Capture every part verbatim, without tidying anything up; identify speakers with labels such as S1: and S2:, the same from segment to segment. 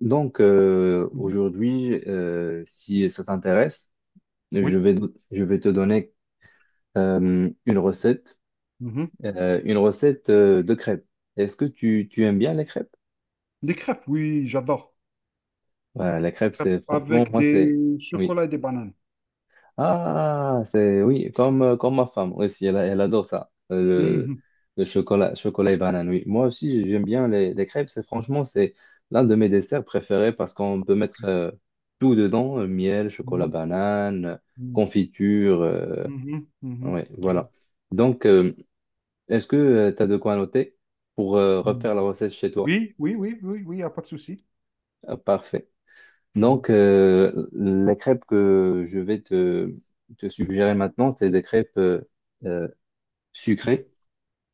S1: Donc, euh,
S2: Mhm.
S1: aujourd'hui, euh, si ça t'intéresse, je
S2: Oui.
S1: vais, je vais te donner euh, une recette,
S2: Mhm.
S1: euh, une recette euh, de crêpes. Est-ce que tu, tu aimes bien les crêpes?
S2: Des crêpes, oui, j'adore.
S1: Voilà, la crêpe,
S2: Crêpes
S1: c'est franchement,
S2: avec
S1: moi, c'est...
S2: des
S1: Oui.
S2: chocolats et des bananes.
S1: Ah, c'est oui, comme, euh, comme ma femme aussi, elle, elle adore ça, euh, le,
S2: Mhm.
S1: le chocolat, chocolat et banane. Oui, moi aussi, j'aime bien les, les crêpes. C'est franchement, c'est l'un de mes desserts préférés parce qu'on peut mettre euh, tout dedans, euh, miel, chocolat,
S2: Mhm.
S1: banane, confiture. euh,
S2: Mhm. Mhm. Mhm.
S1: ouais,
S2: Mhm.
S1: voilà. Donc, euh, Est-ce que tu as de quoi noter pour euh,
S2: Mhm.
S1: refaire la recette chez toi?
S2: Oui, oui, oui, oui, oui, il n'y a pas de souci.
S1: Ah, parfait.
S2: Mhm.
S1: Donc, euh, les crêpes que je vais te, te suggérer maintenant, c'est des crêpes. euh,
S2: Mhm.
S1: sucré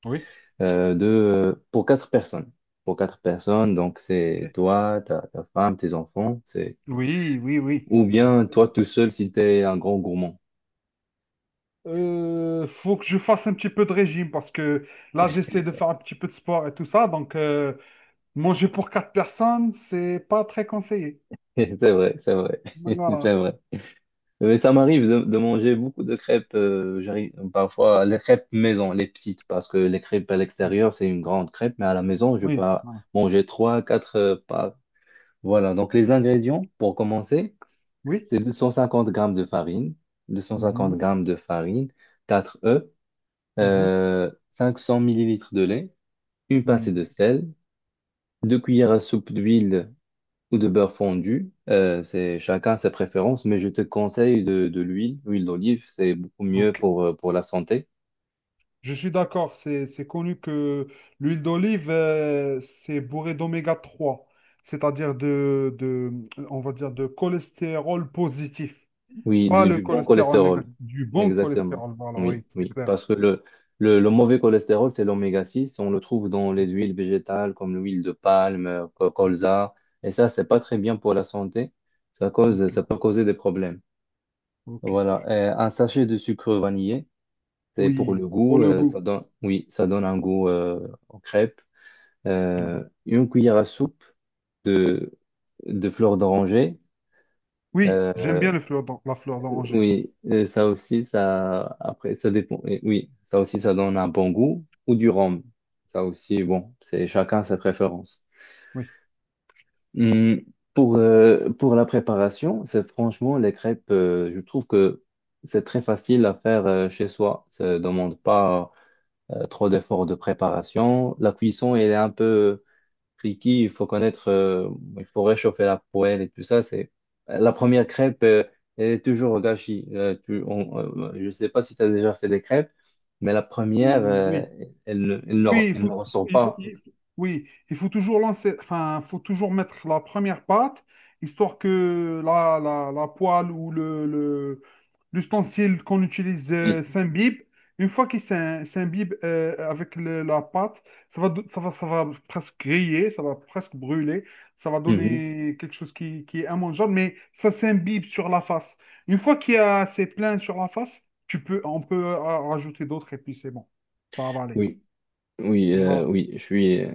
S2: Oui,
S1: euh, de, pour quatre personnes. Pour quatre personnes, donc c'est
S2: ok.
S1: toi, ta, ta femme, tes enfants, c'est
S2: Oui, oui, oui.
S1: ou bien toi tout seul si t'es un grand gourmand.
S2: Euh, faut que je fasse un petit peu de régime parce que là, j'essaie de faire un petit peu de sport et tout ça. Donc, euh, manger pour quatre personnes, c'est pas très conseillé.
S1: C'est vrai, c'est vrai,
S2: Donc, Voilà.
S1: c'est vrai. Mais ça m'arrive de, de manger beaucoup de crêpes, euh, j'arrive parfois les crêpes maison, les petites, parce que les crêpes à l'extérieur, c'est une grande crêpe, mais à la maison, je peux
S2: Oui,
S1: pas
S2: voilà.
S1: manger trois, quatre euh, pas. Voilà, donc les ingrédients, pour commencer,
S2: Oui.
S1: c'est deux cent cinquante grammes de farine, deux cent cinquante
S2: Mhm.
S1: grammes de farine, quatre œufs,
S2: Mhm.
S1: euh, cinq cents millilitres de lait, une pincée de
S2: Mhm.
S1: sel, deux cuillères à soupe d'huile ou de beurre fondu. Euh, c'est chacun ses préférences, mais je te conseille de, de l'huile, l'huile d'olive, c'est beaucoup mieux
S2: Ok.
S1: pour, euh, pour la santé.
S2: Je suis d'accord, c'est c'est connu que l'huile d'olive, euh, c'est bourré d'oméga trois, c'est-à-dire de, de, on va dire, de cholestérol positif,
S1: Oui,
S2: pas
S1: du,
S2: le
S1: du bon
S2: cholestérol
S1: cholestérol.
S2: négatif, du bon
S1: Exactement.
S2: cholestérol, voilà,
S1: Oui,
S2: oui, c'est
S1: oui.
S2: clair.
S1: Parce que le, le, le mauvais cholestérol, c'est l'oméga six. On le trouve dans les huiles végétales comme l'huile de palme, euh, co- colza. Et ça, c'est pas très bien pour la santé. Ça cause,
S2: Ok,
S1: ça peut causer des problèmes.
S2: ok.
S1: Voilà. Et un sachet de sucre vanillé, c'est pour
S2: Oui,
S1: le
S2: pour
S1: goût.
S2: le
S1: euh, ça
S2: goût.
S1: donne, oui, ça donne un goût euh, aux crêpes. Euh, une cuillère à soupe de, de fleurs d'oranger.
S2: Oui, j'aime
S1: Euh,
S2: bien le fleur d'or- la fleur d'oranger,
S1: Oui, et ça aussi, ça, après, ça dépend. Et oui, ça aussi, ça donne un bon goût ou du rhum. Ça aussi, bon, c'est chacun ses préférences.
S2: oui.
S1: Hum, pour, euh, pour la préparation, c'est franchement les crêpes, euh, je trouve que c'est très facile à faire euh, chez soi. Ça ne demande pas euh, trop d'efforts de préparation. La cuisson, elle est un peu cliquis, il faut connaître, euh, il faut réchauffer la poêle et tout ça. C'est la première crêpe, euh, elle est toujours au gâchis. Euh, tu- on- euh, je ne sais pas si tu as déjà fait des crêpes, mais la première, euh,
S2: Oui,
S1: elle, ne, elle ne-
S2: Oui, il
S1: elle ne
S2: faut,
S1: ressort
S2: il faut,
S1: pas.
S2: il faut- oui, il faut toujours lancer, enfin, faut toujours mettre la première pâte, histoire que la, la, la poêle ou le, le- l'ustensile qu'on utilise euh,
S1: Oui,
S2: s'imbibe. Une fois qu'il s'im- s'imbibe euh, avec le- la pâte, ça va, do- ça va, ça va presque griller, ça va presque brûler, ça va
S1: mhm.
S2: donner quelque chose qui, qui est immangeable, mais ça s'imbibe sur la face. Une fois qu'il y a assez plein sur la face, tu peux, on peut euh, rajouter d'autres et puis c'est bon, ça va aller.
S1: Oui, oui,
S2: Donc,
S1: euh,
S2: Voilà.
S1: oui, je suis, euh,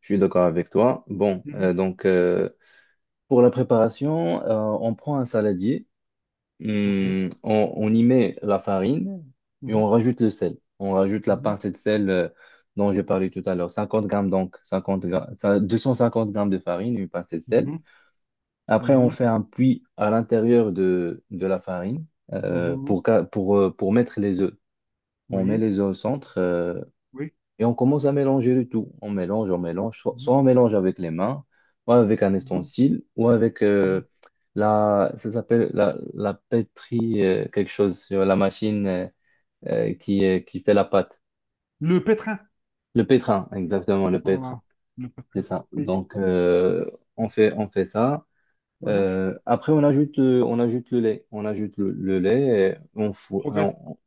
S1: je suis d'accord avec toi. Bon,
S2: Mhm.
S1: euh, donc euh, pour la préparation, euh, on prend un saladier.
S2: Ok.
S1: Hum, on, on y met la farine et
S2: Mhm.
S1: on rajoute le sel. On rajoute la
S2: Mhm.
S1: pincée de sel euh, dont j'ai parlé tout à l'heure. cinquante grammes donc, cinquante gra- ça- deux cent cinquante grammes de farine, une pincée de sel.
S2: Mhm.
S1: Après, on
S2: Mhm.
S1: fait un puits à l'intérieur de, de la farine euh,
S2: Mhm.
S1: pour, ca- pour, euh, pour mettre les œufs. On met
S2: Oui.
S1: les œufs au centre. Euh,
S2: Oui.
S1: et on commence à mélanger le tout. On mélange, on mélange. Soit,
S2: Mhm.
S1: soit on mélange avec les mains, ou avec un
S2: Mhm.
S1: ustensile, ou avec euh,
S2: Mhm.
S1: la, ça s'appelle la, la pétrie, euh, quelque chose sur la machine euh, euh, qui, euh, qui fait la pâte.
S2: Le pétrin.
S1: Le pétrin, exactement, le pétrin.
S2: Voilà. Le
S1: C'est
S2: pétrin.
S1: ça.
S2: Oui.
S1: Donc, euh, on fait, on fait ça.
S2: Mhm.
S1: Euh, après, on ajoute, euh, on ajoute le lait. On ajoute le, le lait, et on, fou-
S2: Progresse.
S1: on,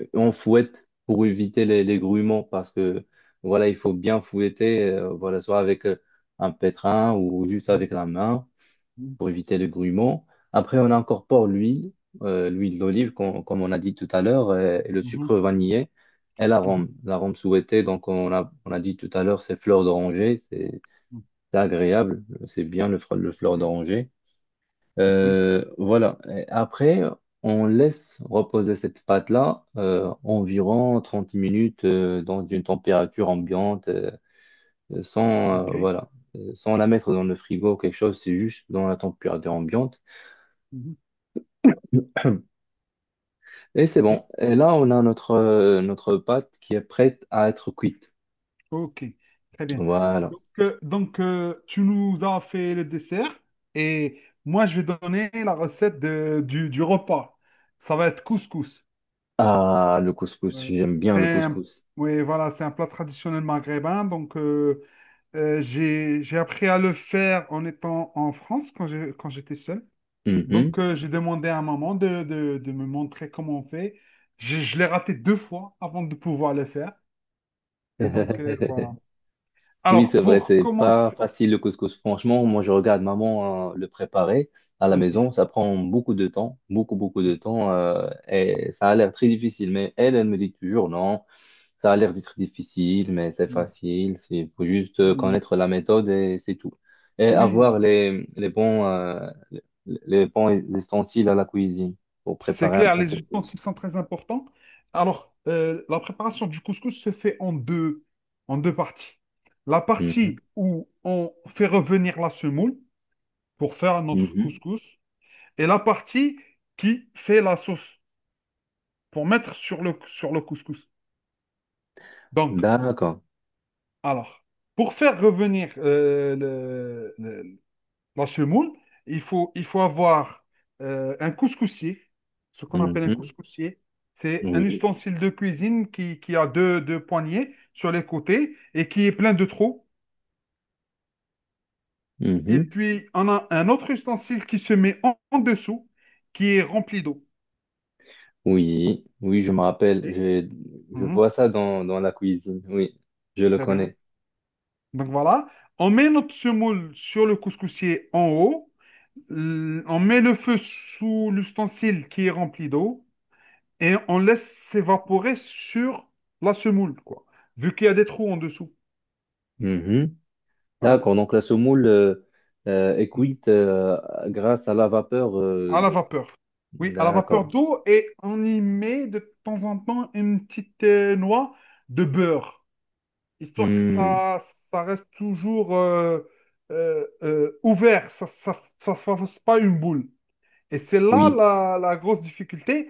S1: Euh, on fouette pour éviter les, les grumeaux parce que voilà, il faut bien fouetter, euh, voilà, soit avec euh, un pétrin ou juste
S2: Mhm.
S1: avec la main pour éviter les grumeaux. Après, on
S2: Mhm.
S1: incorpore l'huile, euh, l'huile d'olive, com- comme on a dit tout à l'heure, euh, et le
S2: Mhm.
S1: sucre vanillé et l'arôme.
S2: Mhm.
S1: L'arôme souhaité, donc on a, on a dit tout à l'heure, c'est fleur d'oranger, c'est c'est agréable, c'est bien le, fre- le fleur
S2: Ok.
S1: d'oranger.
S2: Oui.
S1: Euh, voilà. Et après, on laisse reposer cette pâte-là euh, environ trente minutes euh, dans une température ambiante, euh, sans,
S2: OK.
S1: euh, voilà, euh, sans la mettre dans le frigo ou quelque chose, c'est juste dans la température ambiante.
S2: Mhm.
S1: Et c'est
S2: OK.
S1: bon. Et là, on a notre, euh, notre pâte qui est prête à être cuite.
S2: OK. Très bien.
S1: Voilà.
S2: Donc, euh, donc euh, tu nous as fait le dessert et moi, je vais donner la recette de- du, du repas. Ça va être couscous.
S1: Ah, le couscous,
S2: Ouais.
S1: j'aime bien
S2: C'est
S1: le
S2: un-
S1: couscous.
S2: Oui, voilà, c'est un plat traditionnel maghrébin. Donc, euh, euh, j'ai, j'ai appris à le faire en étant en France quand j'ai- quand j'étais seul.
S1: Mhm.
S2: Donc, euh, j'ai demandé à maman de, de- de me montrer comment on fait. Je, je l'ai raté deux fois avant de pouvoir le faire. Et donc, euh, voilà.
S1: Oui,
S2: Alors,
S1: c'est vrai,
S2: pour
S1: c'est pas
S2: commencer.
S1: facile le couscous. Franchement, moi je regarde maman euh, le préparer à la maison,
S2: Oui.
S1: ça prend beaucoup de temps, beaucoup beaucoup de temps euh, et ça a l'air très difficile. Mais elle, elle me dit toujours non, ça a l'air d'être difficile, mais c'est facile. c'est- Il faut juste euh,
S2: Oui.
S1: connaître la méthode et c'est tout. Et avoir
S2: Oui.
S1: les, les bons euh, les les bons ustensiles à la cuisine pour
S2: C'est
S1: préparer un
S2: clair,
S1: bon
S2: les
S1: couscous.
S2: ustensiles sont très importants. Alors, euh, la préparation du couscous se fait en deux, en deux parties. La
S1: Mhm,
S2: partie où on fait revenir la semoule pour faire notre
S1: mhm.
S2: couscous et la partie qui fait la sauce pour mettre sur le, sur le couscous. Donc,
S1: D'accord.
S2: alors, pour faire revenir euh, le, le- La semoule, il faut, il faut avoir euh, un couscoussier, ce qu'on appelle un
S1: Mhm,
S2: couscoussier. C'est un
S1: oui.
S2: ustensile de cuisine qui, qui a deux, deux poignées sur les côtés et qui est plein de trous. Et
S1: Mhm.
S2: puis, on a un autre ustensile qui se met en, en dessous, qui est rempli d'eau.
S1: Oui, oui, je me rappelle.
S2: Ok.
S1: Je, je
S2: Mhm,
S1: vois ça dans, dans la cuisine. Oui, je le
S2: très bien.
S1: connais.
S2: Donc voilà, on met notre semoule sur le couscoussier en haut. L- On met le feu sous l'ustensile qui est rempli d'eau. et on laisse s'évaporer sur la semoule, quoi. Vu qu'il y a des trous en dessous.
S1: Mhm.
S2: Voilà.
S1: D'accord. Donc, la semoule euh, euh, est cuite euh, grâce à la vapeur euh,
S2: À la
S1: d'eau.
S2: vapeur. Oui, à la vapeur
S1: D'accord.
S2: d'eau et on y met de temps en temps une petite euh, noix de beurre, histoire que
S1: Hmm.
S2: ça, ça reste toujours euh, euh, euh, ouvert, ça ne fasse pas une boule. Et c'est là
S1: Oui,
S2: la, la grosse difficulté,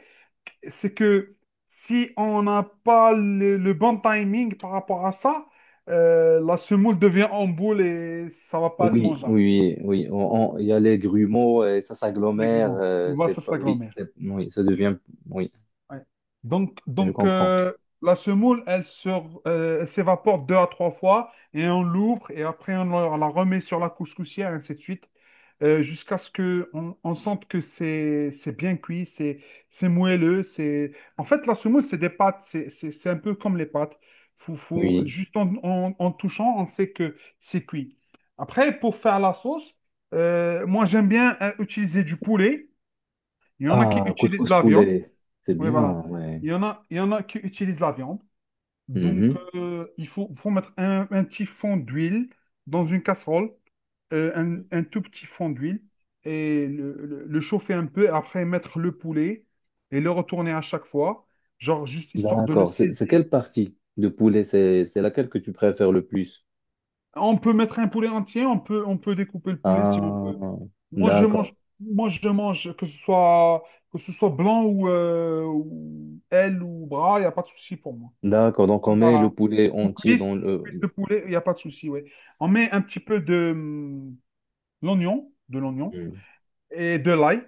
S2: c'est que si on n'a pas le, le bon timing par rapport à ça, euh, la semoule devient en boule et ça va pas être
S1: oui,
S2: mangeable.
S1: oui, oui. On- on- Il y a les grumeaux et ça s'agglomère.
S2: légalement.
S1: Euh,
S2: Voilà,
S1: c'est
S2: ça, c'est
S1: pas,
S2: la
S1: oui,
S2: grand-mère.
S1: c'est, oui, Ça devient. Oui,
S2: Ouais. Donc,
S1: je
S2: donc
S1: comprends.
S2: euh, la semoule, elle se- euh, elle s'évapore deux à trois fois et on l'ouvre et après on la la remet sur la couscoussière, ainsi de suite, euh, jusqu'à ce que on, on sente que c'est c'est bien cuit, c'est c'est moelleux. C'est En fait, la semoule, c'est des pâtes, c'est c'est- c'est un peu comme les pâtes. Faut, faut,
S1: Oui.
S2: juste en, en- en touchant, on sait que c'est cuit. Après, pour faire la sauce, euh, moi j'aime bien euh, utiliser du poulet. Il y en a qui
S1: Ah,
S2: utilisent
S1: couscous
S2: la viande.
S1: poulet. C'est
S2: Oui, voilà.
S1: bien, ouais.
S2: Il y en a, il y en a qui utilisent la viande. Donc,
S1: Mhm.
S2: euh, il faut, faut mettre un, un petit fond d'huile dans une casserole, euh, un, un tout petit fond d'huile, et le, le- le chauffer un peu, après mettre le poulet et le retourner à chaque fois, genre juste histoire de le
S1: D'accord. C'est c'est
S2: saisir.
S1: quelle partie de poulet? C'est c'est laquelle que tu préfères le plus?
S2: On peut mettre un poulet entier, on peut, on peut découper le poulet si on veut.
S1: Ah,
S2: Moi, je mange,
S1: d'accord.
S2: moi, je mange que ce soit, que ce soit blanc ou, euh, ou aile ou bras, il n'y a pas de souci pour moi.
S1: D'accord. Donc, on
S2: Donc,
S1: met le
S2: Voilà.
S1: poulet
S2: Ou
S1: entier dans
S2: cuisse,
S1: le...
S2: cuisse de poulet, il n'y a pas de souci, ouais. On met un petit peu de hum, l'oignon, de l'oignon
S1: Hmm.
S2: et de l'ail,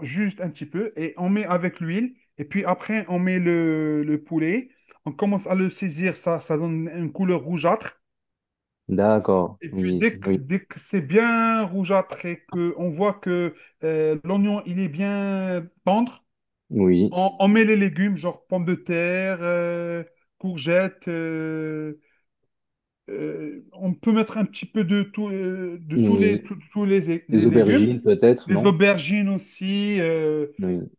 S2: juste un petit peu, et on met avec l'huile. Et puis après, on met le, le poulet. On commence à le saisir, ça, ça donne une couleur rougeâtre.
S1: D'accord.
S2: Et puis
S1: Oui,
S2: dès
S1: c'est-
S2: que,
S1: oui,
S2: dès que c'est bien rougeâtre et qu'on voit que euh, l'oignon, il est bien tendre,
S1: oui,
S2: on, on met les légumes, genre pommes de terre, euh, courgettes. euh, euh, on peut mettre un petit peu de, tout, euh, de tous
S1: oui.
S2: les, tous tous les,
S1: Les
S2: les
S1: aubergines,
S2: légumes,
S1: peut-être,
S2: les
S1: non?
S2: aubergines aussi, euh,
S1: Oui.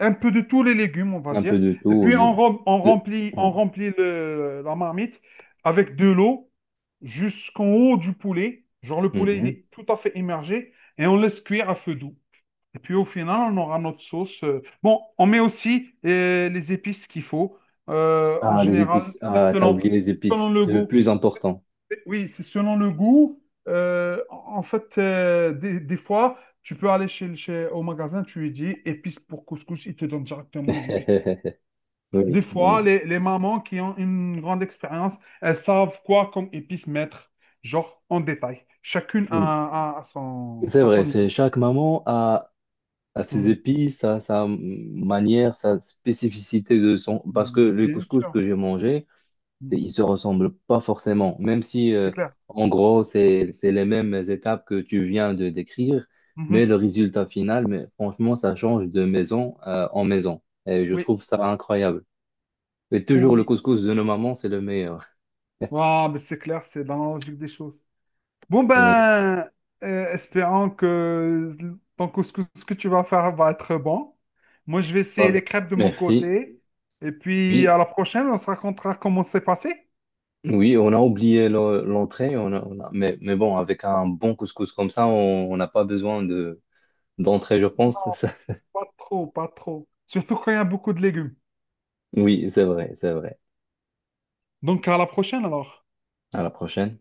S2: un peu de tous les légumes, on va
S1: Un peu
S2: dire.
S1: de
S2: Et
S1: tout,
S2: puis
S1: oui.
S2: on, rem- on
S1: Le...
S2: remplit,
S1: Hmm.
S2: on remplit le- la marmite avec de l'eau jusqu'en haut du poulet. Genre le poulet, il
S1: Mhm.
S2: est tout à fait immergé et on laisse cuire à feu doux. Et puis au final, on aura notre sauce. euh. Bon, on met aussi euh, les épices qu'il faut. Euh, en
S1: Ah, les
S2: général,
S1: épices. Ah, t'as
S2: selon,
S1: oublié les épices.
S2: selon le
S1: C'est le
S2: goût.
S1: plus important.
S2: Oui, c'est selon le goût. Euh, en fait, euh, des, des fois, tu peux aller chez, chez- au magasin, tu lui dis épices pour couscous, ils te donnent directement les épices. Des
S1: Oui,
S2: fois,
S1: oui,
S2: les, les mamans qui ont une grande expérience, elles savent quoi comme épices mettre, genre en détail. Chacune
S1: oui.
S2: a, a- a son,
S1: C'est
S2: à
S1: vrai,
S2: son
S1: c'est
S2: niveau.
S1: chaque maman a à ses
S2: Mhm.
S1: épices, à sa manière, sa spécificité de son... Parce que
S2: Mhm.
S1: le
S2: Bien
S1: couscous
S2: sûr.
S1: que j'ai mangé,
S2: Mhm.
S1: il se ressemble pas forcément. Même si,
S2: C'est
S1: euh,
S2: clair.
S1: en gros, c'est, c'est les mêmes étapes que tu viens de décrire,
S2: Mhm.
S1: mais le résultat final, mais franchement, ça change de maison, euh, en maison. Et je
S2: Oui,
S1: trouve ça incroyable. Et
S2: oui.
S1: toujours le
S2: oui.
S1: couscous de nos mamans, c'est le meilleur.
S2: Ah, mais c'est clair, c'est dans la logique des choses. Bon
S1: Ouais.
S2: ben, euh, espérons que donc, ce que, ce que tu vas faire va être bon. Moi, je vais essayer les
S1: Bon,
S2: crêpes de mon
S1: merci.
S2: côté. Et puis, à
S1: Oui.
S2: la prochaine, on se racontera comment c'est passé.
S1: Oui, on a oublié le- l'entrée, on a- on a- mais, mais bon, avec un bon couscous comme ça, on on n'a pas besoin de d'entrée, je pense.
S2: Pas trop, pas trop. Surtout quand il y a beaucoup de légumes.
S1: Oui, c'est vrai, c'est vrai.
S2: Donc, à la prochaine alors.
S1: À la prochaine.